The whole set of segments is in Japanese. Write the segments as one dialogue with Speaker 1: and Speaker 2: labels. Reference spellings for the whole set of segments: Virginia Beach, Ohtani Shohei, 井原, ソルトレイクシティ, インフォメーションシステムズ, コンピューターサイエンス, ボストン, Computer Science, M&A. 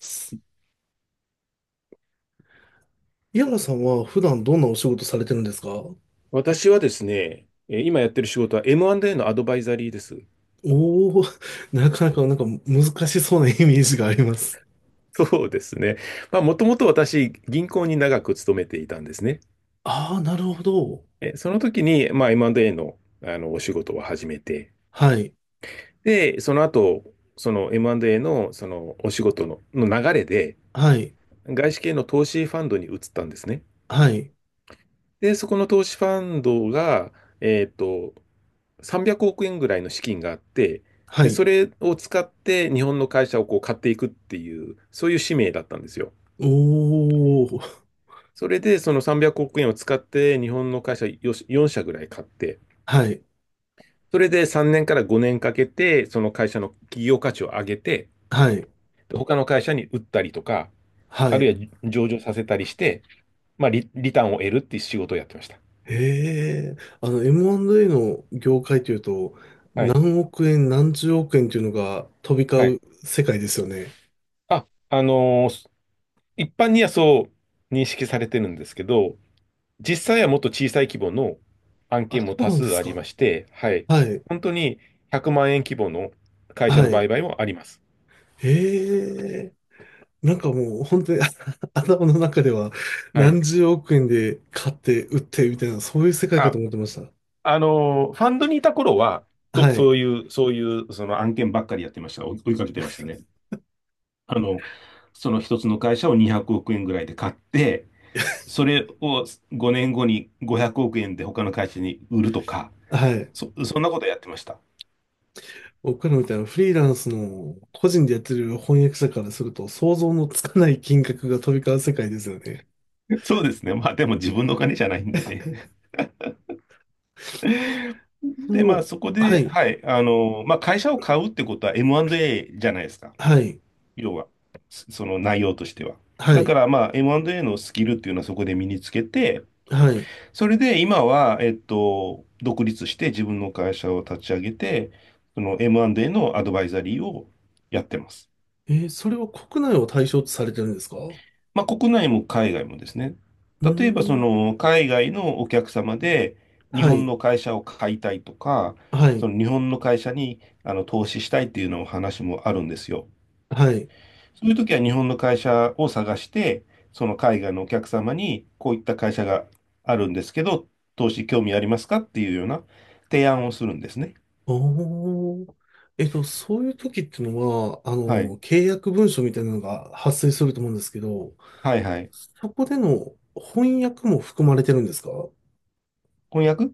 Speaker 1: す井原さんは普段どんなお仕事されてるんですか？お
Speaker 2: 私はですね、今やってる仕事は M&A のアドバイザリーです。
Speaker 1: おー、なかなかなんか難しそうなイメージがあります。
Speaker 2: そうですね。まあ、もともと私、銀行に長く勤めていたんですね。
Speaker 1: ああ、なるほど。
Speaker 2: その時に、まあ、M&A の、お仕事を始めて、
Speaker 1: はい、
Speaker 2: で、その後、その M&A の、お仕事の流れで、
Speaker 1: はい、
Speaker 2: 外資系の投資ファンドに移ったんですね。
Speaker 1: はい、
Speaker 2: で、そこの投資ファンドが、えっと、300億円ぐらいの資金があって、
Speaker 1: は
Speaker 2: で、
Speaker 1: い。
Speaker 2: それを使って日本の会社をこう買っていくっていう、そういう使命だったんですよ。
Speaker 1: おお、
Speaker 2: それで、その300億円を使って日本の会社4社ぐらい買って、
Speaker 1: はい、
Speaker 2: それで3年から5年かけて、その会社の企業価値を上げて、
Speaker 1: はい、
Speaker 2: で他の会社に売ったりとか、
Speaker 1: は
Speaker 2: ある
Speaker 1: い。
Speaker 2: いは上場させたりして、まあ、リターンを得るっていう仕事をやってました。
Speaker 1: ええ、M&A の業界というと、
Speaker 2: はい。
Speaker 1: 何億円、何十億円というのが飛び
Speaker 2: は
Speaker 1: 交
Speaker 2: い。
Speaker 1: う世界ですよね。
Speaker 2: あ、あのー一般にはそう認識されてるんですけど、実際はもっと小さい規模の案
Speaker 1: あ、
Speaker 2: 件
Speaker 1: そ
Speaker 2: も
Speaker 1: う
Speaker 2: 多
Speaker 1: なんで
Speaker 2: 数
Speaker 1: す
Speaker 2: あり
Speaker 1: か。
Speaker 2: まして、はい。
Speaker 1: はい、
Speaker 2: 本当に100万円規模の会社
Speaker 1: は
Speaker 2: の売
Speaker 1: い。
Speaker 2: 買もあります。
Speaker 1: ええ。なんかもう本当に 頭の中では
Speaker 2: はい。
Speaker 1: 何十億円で買って売ってみたいな、そういう世界かと
Speaker 2: あ、
Speaker 1: 思ってました。
Speaker 2: ファンドにいた頃は、そ、
Speaker 1: は
Speaker 2: そ
Speaker 1: い。
Speaker 2: ういう、そういう、その案件ばっかりやってました。追いかけてましたね。あの、その一つの会社を200億円ぐらいで買って、それを5年後に500億円で他の会社に売るとか、
Speaker 1: はい。
Speaker 2: そんなことやってました。
Speaker 1: 僕らみたいなフリーランスの個人でやってる翻訳者からすると想像のつかない金額が飛び交う世界ですよね。
Speaker 2: そうですね。まあでも自分のお金じゃないんでね。
Speaker 1: そ
Speaker 2: で、まあ、
Speaker 1: の、
Speaker 2: そこ
Speaker 1: は
Speaker 2: で、
Speaker 1: い。
Speaker 2: はい、まあ、会社を買うってことは M&A じゃないですか。
Speaker 1: はい。
Speaker 2: 要は、その内容としては。
Speaker 1: は
Speaker 2: だか
Speaker 1: い。
Speaker 2: ら、まあ、M&A のスキルっていうのはそこで身につけて、
Speaker 1: はい。
Speaker 2: それで今は、独立して自分の会社を立ち上げて、その M&A のアドバイザリーをやってます。
Speaker 1: それは国内を対象とされてるんですか？う
Speaker 2: まあ、国内も海外もですね。
Speaker 1: ー
Speaker 2: 例えば、
Speaker 1: ん。
Speaker 2: 海外のお客様で、日
Speaker 1: は
Speaker 2: 本
Speaker 1: い。
Speaker 2: の会社を買いたいとか、
Speaker 1: は
Speaker 2: そ
Speaker 1: い。
Speaker 2: の日本の会社に投資したいっていうのを話もあるんですよ。
Speaker 1: はい。
Speaker 2: そういう時は日本の会社を探して、その海外のお客様にこういった会社があるんですけど、投資興味ありますかっていうような提案をするんですね。
Speaker 1: おお。そういう時ってのは、
Speaker 2: はい。
Speaker 1: 契約文書みたいなのが発生すると思うんですけど、
Speaker 2: はいはい。
Speaker 1: そこでの翻訳も含まれてるんですか？
Speaker 2: 翻訳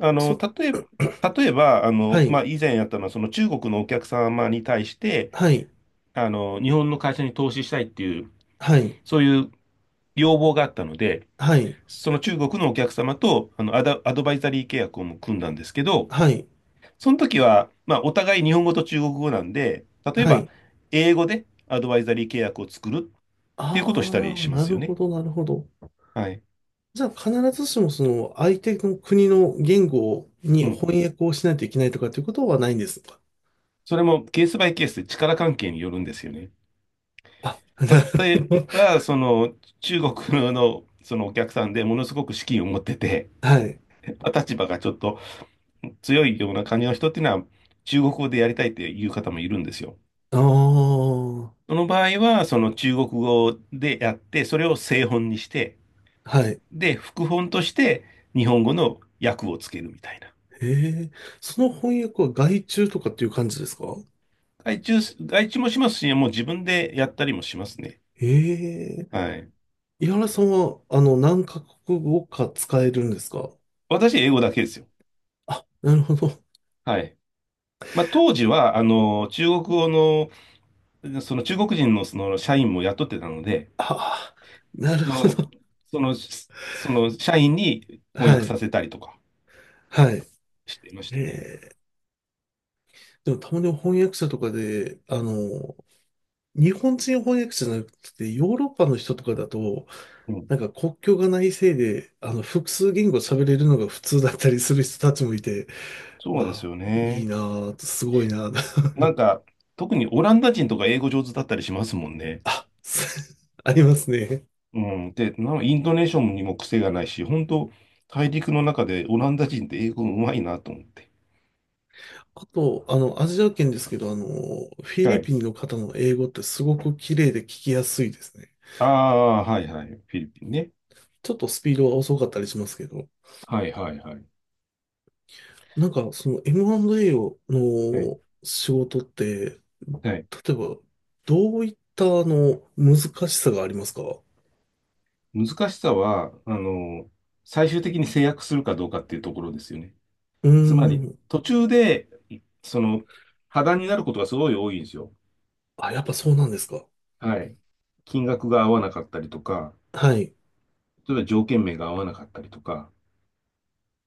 Speaker 1: そ、
Speaker 2: 例えば、
Speaker 1: は
Speaker 2: ま
Speaker 1: い、
Speaker 2: あ、以前やったのは、その中国のお客様に対して、
Speaker 1: はい、
Speaker 2: 日本の会社に投資したいっていう、
Speaker 1: はい、
Speaker 2: そういう要望があったので、
Speaker 1: はい、
Speaker 2: その中国のお客様とアドバイザリー契約をも組んだんですけど、
Speaker 1: はい、
Speaker 2: その時は、まあ、お互い日本語と中国語なんで、例え
Speaker 1: は
Speaker 2: ば、
Speaker 1: い。
Speaker 2: 英語でアドバイザリー契約を作るっていう
Speaker 1: あ
Speaker 2: ことをしたり
Speaker 1: あ、
Speaker 2: しま
Speaker 1: な
Speaker 2: す
Speaker 1: る
Speaker 2: よ
Speaker 1: ほ
Speaker 2: ね。
Speaker 1: ど、なるほど。
Speaker 2: はい。
Speaker 1: じゃあ、必ずしも相手の国の言語に
Speaker 2: うん。
Speaker 1: 翻訳をしないといけないとかっていうことはないんですか？
Speaker 2: それもケースバイケースで力関係によるんですよね。
Speaker 1: あ、なる
Speaker 2: 例え
Speaker 1: ほど。
Speaker 2: ば、中国の、そのお客さんでものすごく資金を持ってて、
Speaker 1: はい。
Speaker 2: 立場がちょっと強いような感じの人っていうのは、中国語でやりたいっていう方もいるんですよ。
Speaker 1: ああ、
Speaker 2: その場合は、その中国語でやって、それを正本にして、
Speaker 1: はい。
Speaker 2: で、副本として日本語の訳をつけるみたいな。
Speaker 1: ええ、その翻訳は外注とかっていう感じですか？
Speaker 2: 外注、外注もしますし、もう自分でやったりもしますね。
Speaker 1: ええ、
Speaker 2: はい。
Speaker 1: 井原さんは、何カ国語か使えるんですか？
Speaker 2: 私、英語だけですよ。
Speaker 1: あ、なるほど。
Speaker 2: はい。まあ、当時は、中国語の、その中国人のその社員も雇ってたので、
Speaker 1: ああ、なる
Speaker 2: そ
Speaker 1: ほ
Speaker 2: の、
Speaker 1: ど。
Speaker 2: その、その社員に翻
Speaker 1: は
Speaker 2: 訳
Speaker 1: い、
Speaker 2: させたりとか
Speaker 1: はい。
Speaker 2: してまし
Speaker 1: え
Speaker 2: たね。
Speaker 1: え、でもたまに翻訳者とかで、日本人翻訳者じゃなくて、ヨーロッパの人とかだと、
Speaker 2: うん。
Speaker 1: なんか国境がないせいで、複数言語喋れるのが普通だったりする人たちもいて、
Speaker 2: そうで
Speaker 1: あ、
Speaker 2: すよ
Speaker 1: い
Speaker 2: ね。
Speaker 1: いなぁ、すごいなぁ、
Speaker 2: なんか、特にオランダ人とか英語上手だったりしますもんね。
Speaker 1: ありますね。
Speaker 2: うん。で、なんかイントネーションにも癖がないし、本当、大陸の中でオランダ人って英語うまいなと思って。
Speaker 1: あと、アジア圏ですけど、フィ
Speaker 2: は
Speaker 1: リ
Speaker 2: い。
Speaker 1: ピンの方の英語ってすごく綺麗で聞きやすいですね。
Speaker 2: ああ、はいはい。フィリピンね。
Speaker 1: ちょっとスピードは遅かったりしますけど、
Speaker 2: はいはいはい。
Speaker 1: なんかその M&A を
Speaker 2: はい。
Speaker 1: の仕事って、例
Speaker 2: はい。
Speaker 1: えば、どういった難しさがありますか？
Speaker 2: 難しさは、最終的に制約するかどうかっていうところですよね。
Speaker 1: うー
Speaker 2: つまり、
Speaker 1: ん。
Speaker 2: 途中で、いその、破談になることがすごい多いんですよ。
Speaker 1: あ、やっぱそうなんですか。
Speaker 2: はい。金額が合わなかったりとか、
Speaker 1: はい。
Speaker 2: 例えば条件名が合わなかったりとか、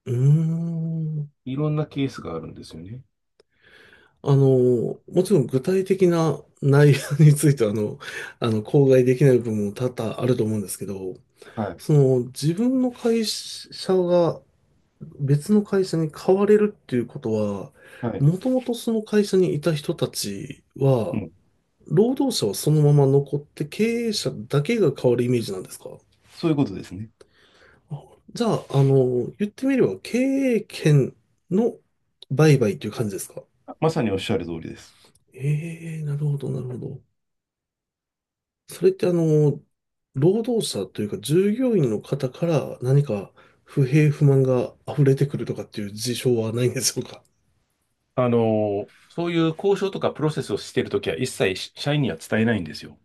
Speaker 1: うーん。
Speaker 2: いろんなケースがあるんですよね。
Speaker 1: もちろん具体的な内容については、口外できない部分も多々あると思うんですけど、
Speaker 2: はい。
Speaker 1: その自分の会社が別の会社に変われるっていうことは、
Speaker 2: はい。
Speaker 1: もともとその会社にいた人たち
Speaker 2: う
Speaker 1: は、
Speaker 2: ん。
Speaker 1: 労働者はそのまま残って経営者だけが変わるイメージなんですか？
Speaker 2: そういうことですね。
Speaker 1: あ、じゃあ、言ってみれば経営権の売買という感じですか？
Speaker 2: まさにおっしゃる通りです。
Speaker 1: ええー、なるほど、なるほど。それって労働者というか従業員の方から何か不平不満が溢れてくるとかっていう事象はないんでしょうか？
Speaker 2: そういう交渉とかプロセスをしているときは一切社員には伝えないんですよ。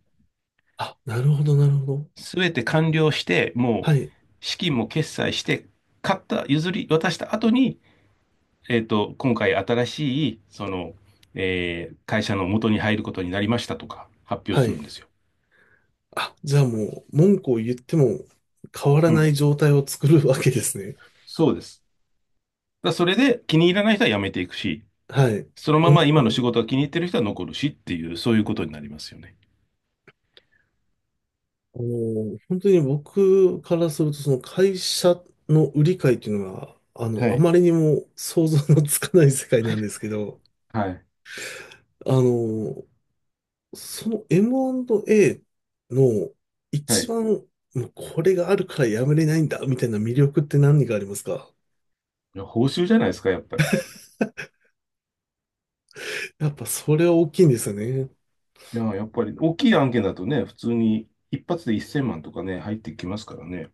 Speaker 1: あ、なるほど、なるほど。
Speaker 2: すべて完了して、も
Speaker 1: はい、
Speaker 2: う資金も決済して、買った、譲り渡した後に、今回新しい、会社の元に入ることになりましたとか発表
Speaker 1: は
Speaker 2: す
Speaker 1: い。
Speaker 2: るんですよ。
Speaker 1: あ、じゃあもう文句を言っても変わら
Speaker 2: う
Speaker 1: ない
Speaker 2: ん。
Speaker 1: 状態を作るわけですね。
Speaker 2: そうです。だからそれで気に入らない人は辞めていくし、
Speaker 1: はい。
Speaker 2: そのま
Speaker 1: うん、
Speaker 2: ま今の仕事が気に入ってる人は残るしっていう、そういうことになりますよね。
Speaker 1: 本当に僕からするとその会社の売り買いっていうのは、
Speaker 2: は
Speaker 1: あ
Speaker 2: い。
Speaker 1: まりにも想像のつかない世界なんですけど、
Speaker 2: はい。
Speaker 1: あの、その M&A の
Speaker 2: は
Speaker 1: 一
Speaker 2: い。
Speaker 1: 番、もうこれがあるからやめれないんだ、みたいな魅力って何がありますか？
Speaker 2: いや、報酬じゃないですか、やっぱり。
Speaker 1: やっぱそれは大きいんですよね。
Speaker 2: いや、やっぱり大きい案件だとね、普通に一発で1000万とかね、入ってきますからね。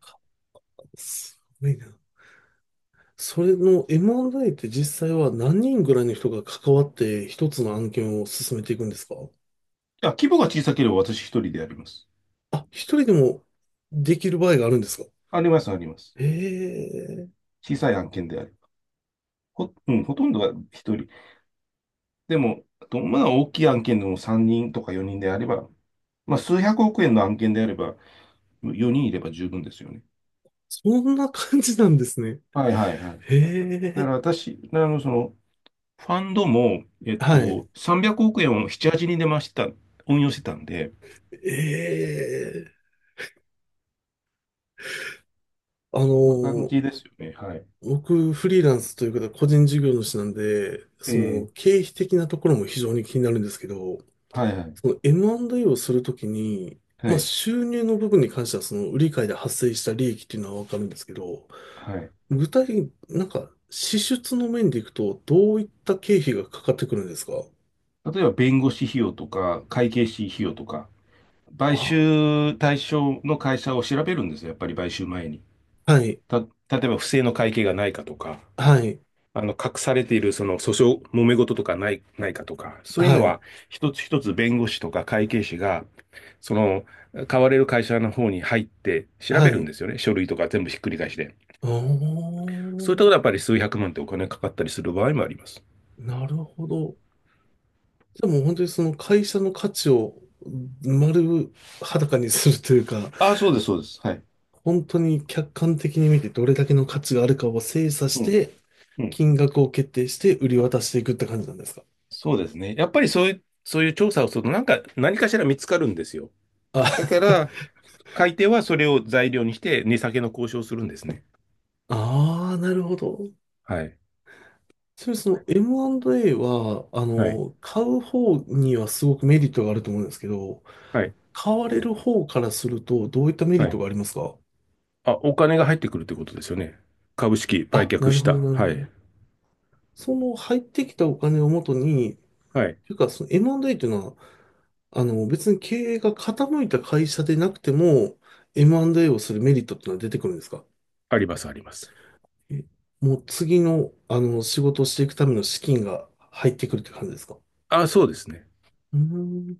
Speaker 1: すごいな。それの M&A って実際は何人ぐらいの人が関わって一つの案件を進めていくんですか？
Speaker 2: いや、規模が小さければ私一人でやります。
Speaker 1: あ、一人でもできる場合があるんですか？
Speaker 2: あります、あります。
Speaker 1: へえ、
Speaker 2: 小さい案件であれば。うん、ほとんどが一人。でも、あとまあ大きい案件でも3人とか4人であれば、まあ数百億円の案件であれば、4人いれば十分ですよね。
Speaker 1: そんな感じなんですね。
Speaker 2: はいはいはい。
Speaker 1: へ
Speaker 2: だから
Speaker 1: え、
Speaker 2: 私、ファンドも、
Speaker 1: はい。
Speaker 2: 300億円を7、8に出ました、運用してたんで、
Speaker 1: ええ、あ
Speaker 2: そんな感
Speaker 1: の
Speaker 2: じですよね。はい。
Speaker 1: 僕、フリーランスというか、個人事業主なんで、
Speaker 2: え
Speaker 1: その
Speaker 2: え、
Speaker 1: 経費的なところも非常に気になるんですけど、
Speaker 2: はいはい。
Speaker 1: その M&A をするときに、
Speaker 2: は
Speaker 1: まあ、
Speaker 2: い。
Speaker 1: 収入の部分に関しては、その売り買いで発生した利益っていうのはわかるんですけど、
Speaker 2: はい。
Speaker 1: 具体的になんか支出の面でいくと、どういった経費がかかってくるんですか？
Speaker 2: 例えば、弁護士費用とか、会計士費用とか、買
Speaker 1: あ、
Speaker 2: 収対象の会社を調べるんですよ。やっぱり買収前に。
Speaker 1: はい、
Speaker 2: 例えば、不正の会計がないかとか、
Speaker 1: はい、
Speaker 2: 隠されている、訴訟、揉め事とかないかとか、そういう
Speaker 1: は
Speaker 2: の
Speaker 1: い、
Speaker 2: は、一つ一つ弁護士とか会計士が、その、買われる会社の方に入って調べ
Speaker 1: は
Speaker 2: るん
Speaker 1: い。
Speaker 2: ですよね。書類とか全部ひっくり返して。
Speaker 1: あ
Speaker 2: そういった
Speaker 1: ー、
Speaker 2: ことはやっぱり数百万ってお金かかったりする場合もあります。
Speaker 1: なるほど。でも本当にその会社の価値を丸裸にするというか、
Speaker 2: ああ、そうです、そうです。はい。
Speaker 1: 本当に客観的に見てどれだけの価値があるかを精査し
Speaker 2: うん、
Speaker 1: て、
Speaker 2: うん。
Speaker 1: 金額を決定して売り渡していくって感じなんですか？
Speaker 2: そうですね。やっぱりそういう調査をすると、なんか、何かしら見つかるんですよ。だ
Speaker 1: あ、
Speaker 2: から、買い手はそれを材料にして、値下げの交渉をするんですね。
Speaker 1: ああ、なるほど。
Speaker 2: はい。
Speaker 1: それその M&A は、
Speaker 2: はい。
Speaker 1: 買う方にはすごくメリットがあると思うんですけど、
Speaker 2: はい。
Speaker 1: 買われる方からするとどういったメリ
Speaker 2: は
Speaker 1: ット
Speaker 2: い。
Speaker 1: がありますか？
Speaker 2: あ、お金が入ってくるってことですよね。株式売
Speaker 1: あ、な
Speaker 2: 却
Speaker 1: る
Speaker 2: し
Speaker 1: ほど、
Speaker 2: た。
Speaker 1: なる
Speaker 2: は
Speaker 1: ほ
Speaker 2: い。
Speaker 1: ど。その入ってきたお金をもとに、
Speaker 2: はい。
Speaker 1: というかその M&A というのは別に経営が傾いた会社でなくても、M&A をするメリットってのは出てくるんですか？
Speaker 2: あります、あります。
Speaker 1: えもう次の、仕事をしていくための資金が入ってくるって感じですか？
Speaker 2: あ、そうですね。
Speaker 1: うーん。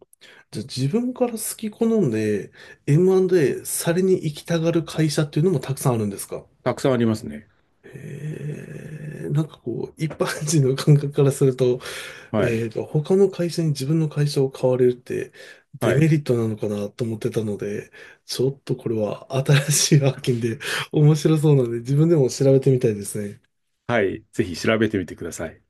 Speaker 1: じゃあ自分から好き好んで M&A されに行きたがる会社っていうのもたくさんあるんですか？
Speaker 2: たくさんありますね。
Speaker 1: へえ、なんかこう、一般人の感覚からすると、
Speaker 2: はい。
Speaker 1: 他の会社に自分の会社を買われるってデ
Speaker 2: は
Speaker 1: メ
Speaker 2: い。
Speaker 1: リットなのかなと思ってたので、ちょっとこれは新しい発見で面白そうなので自分でも調べてみたいですね。
Speaker 2: はい。ぜひ調べてみてください。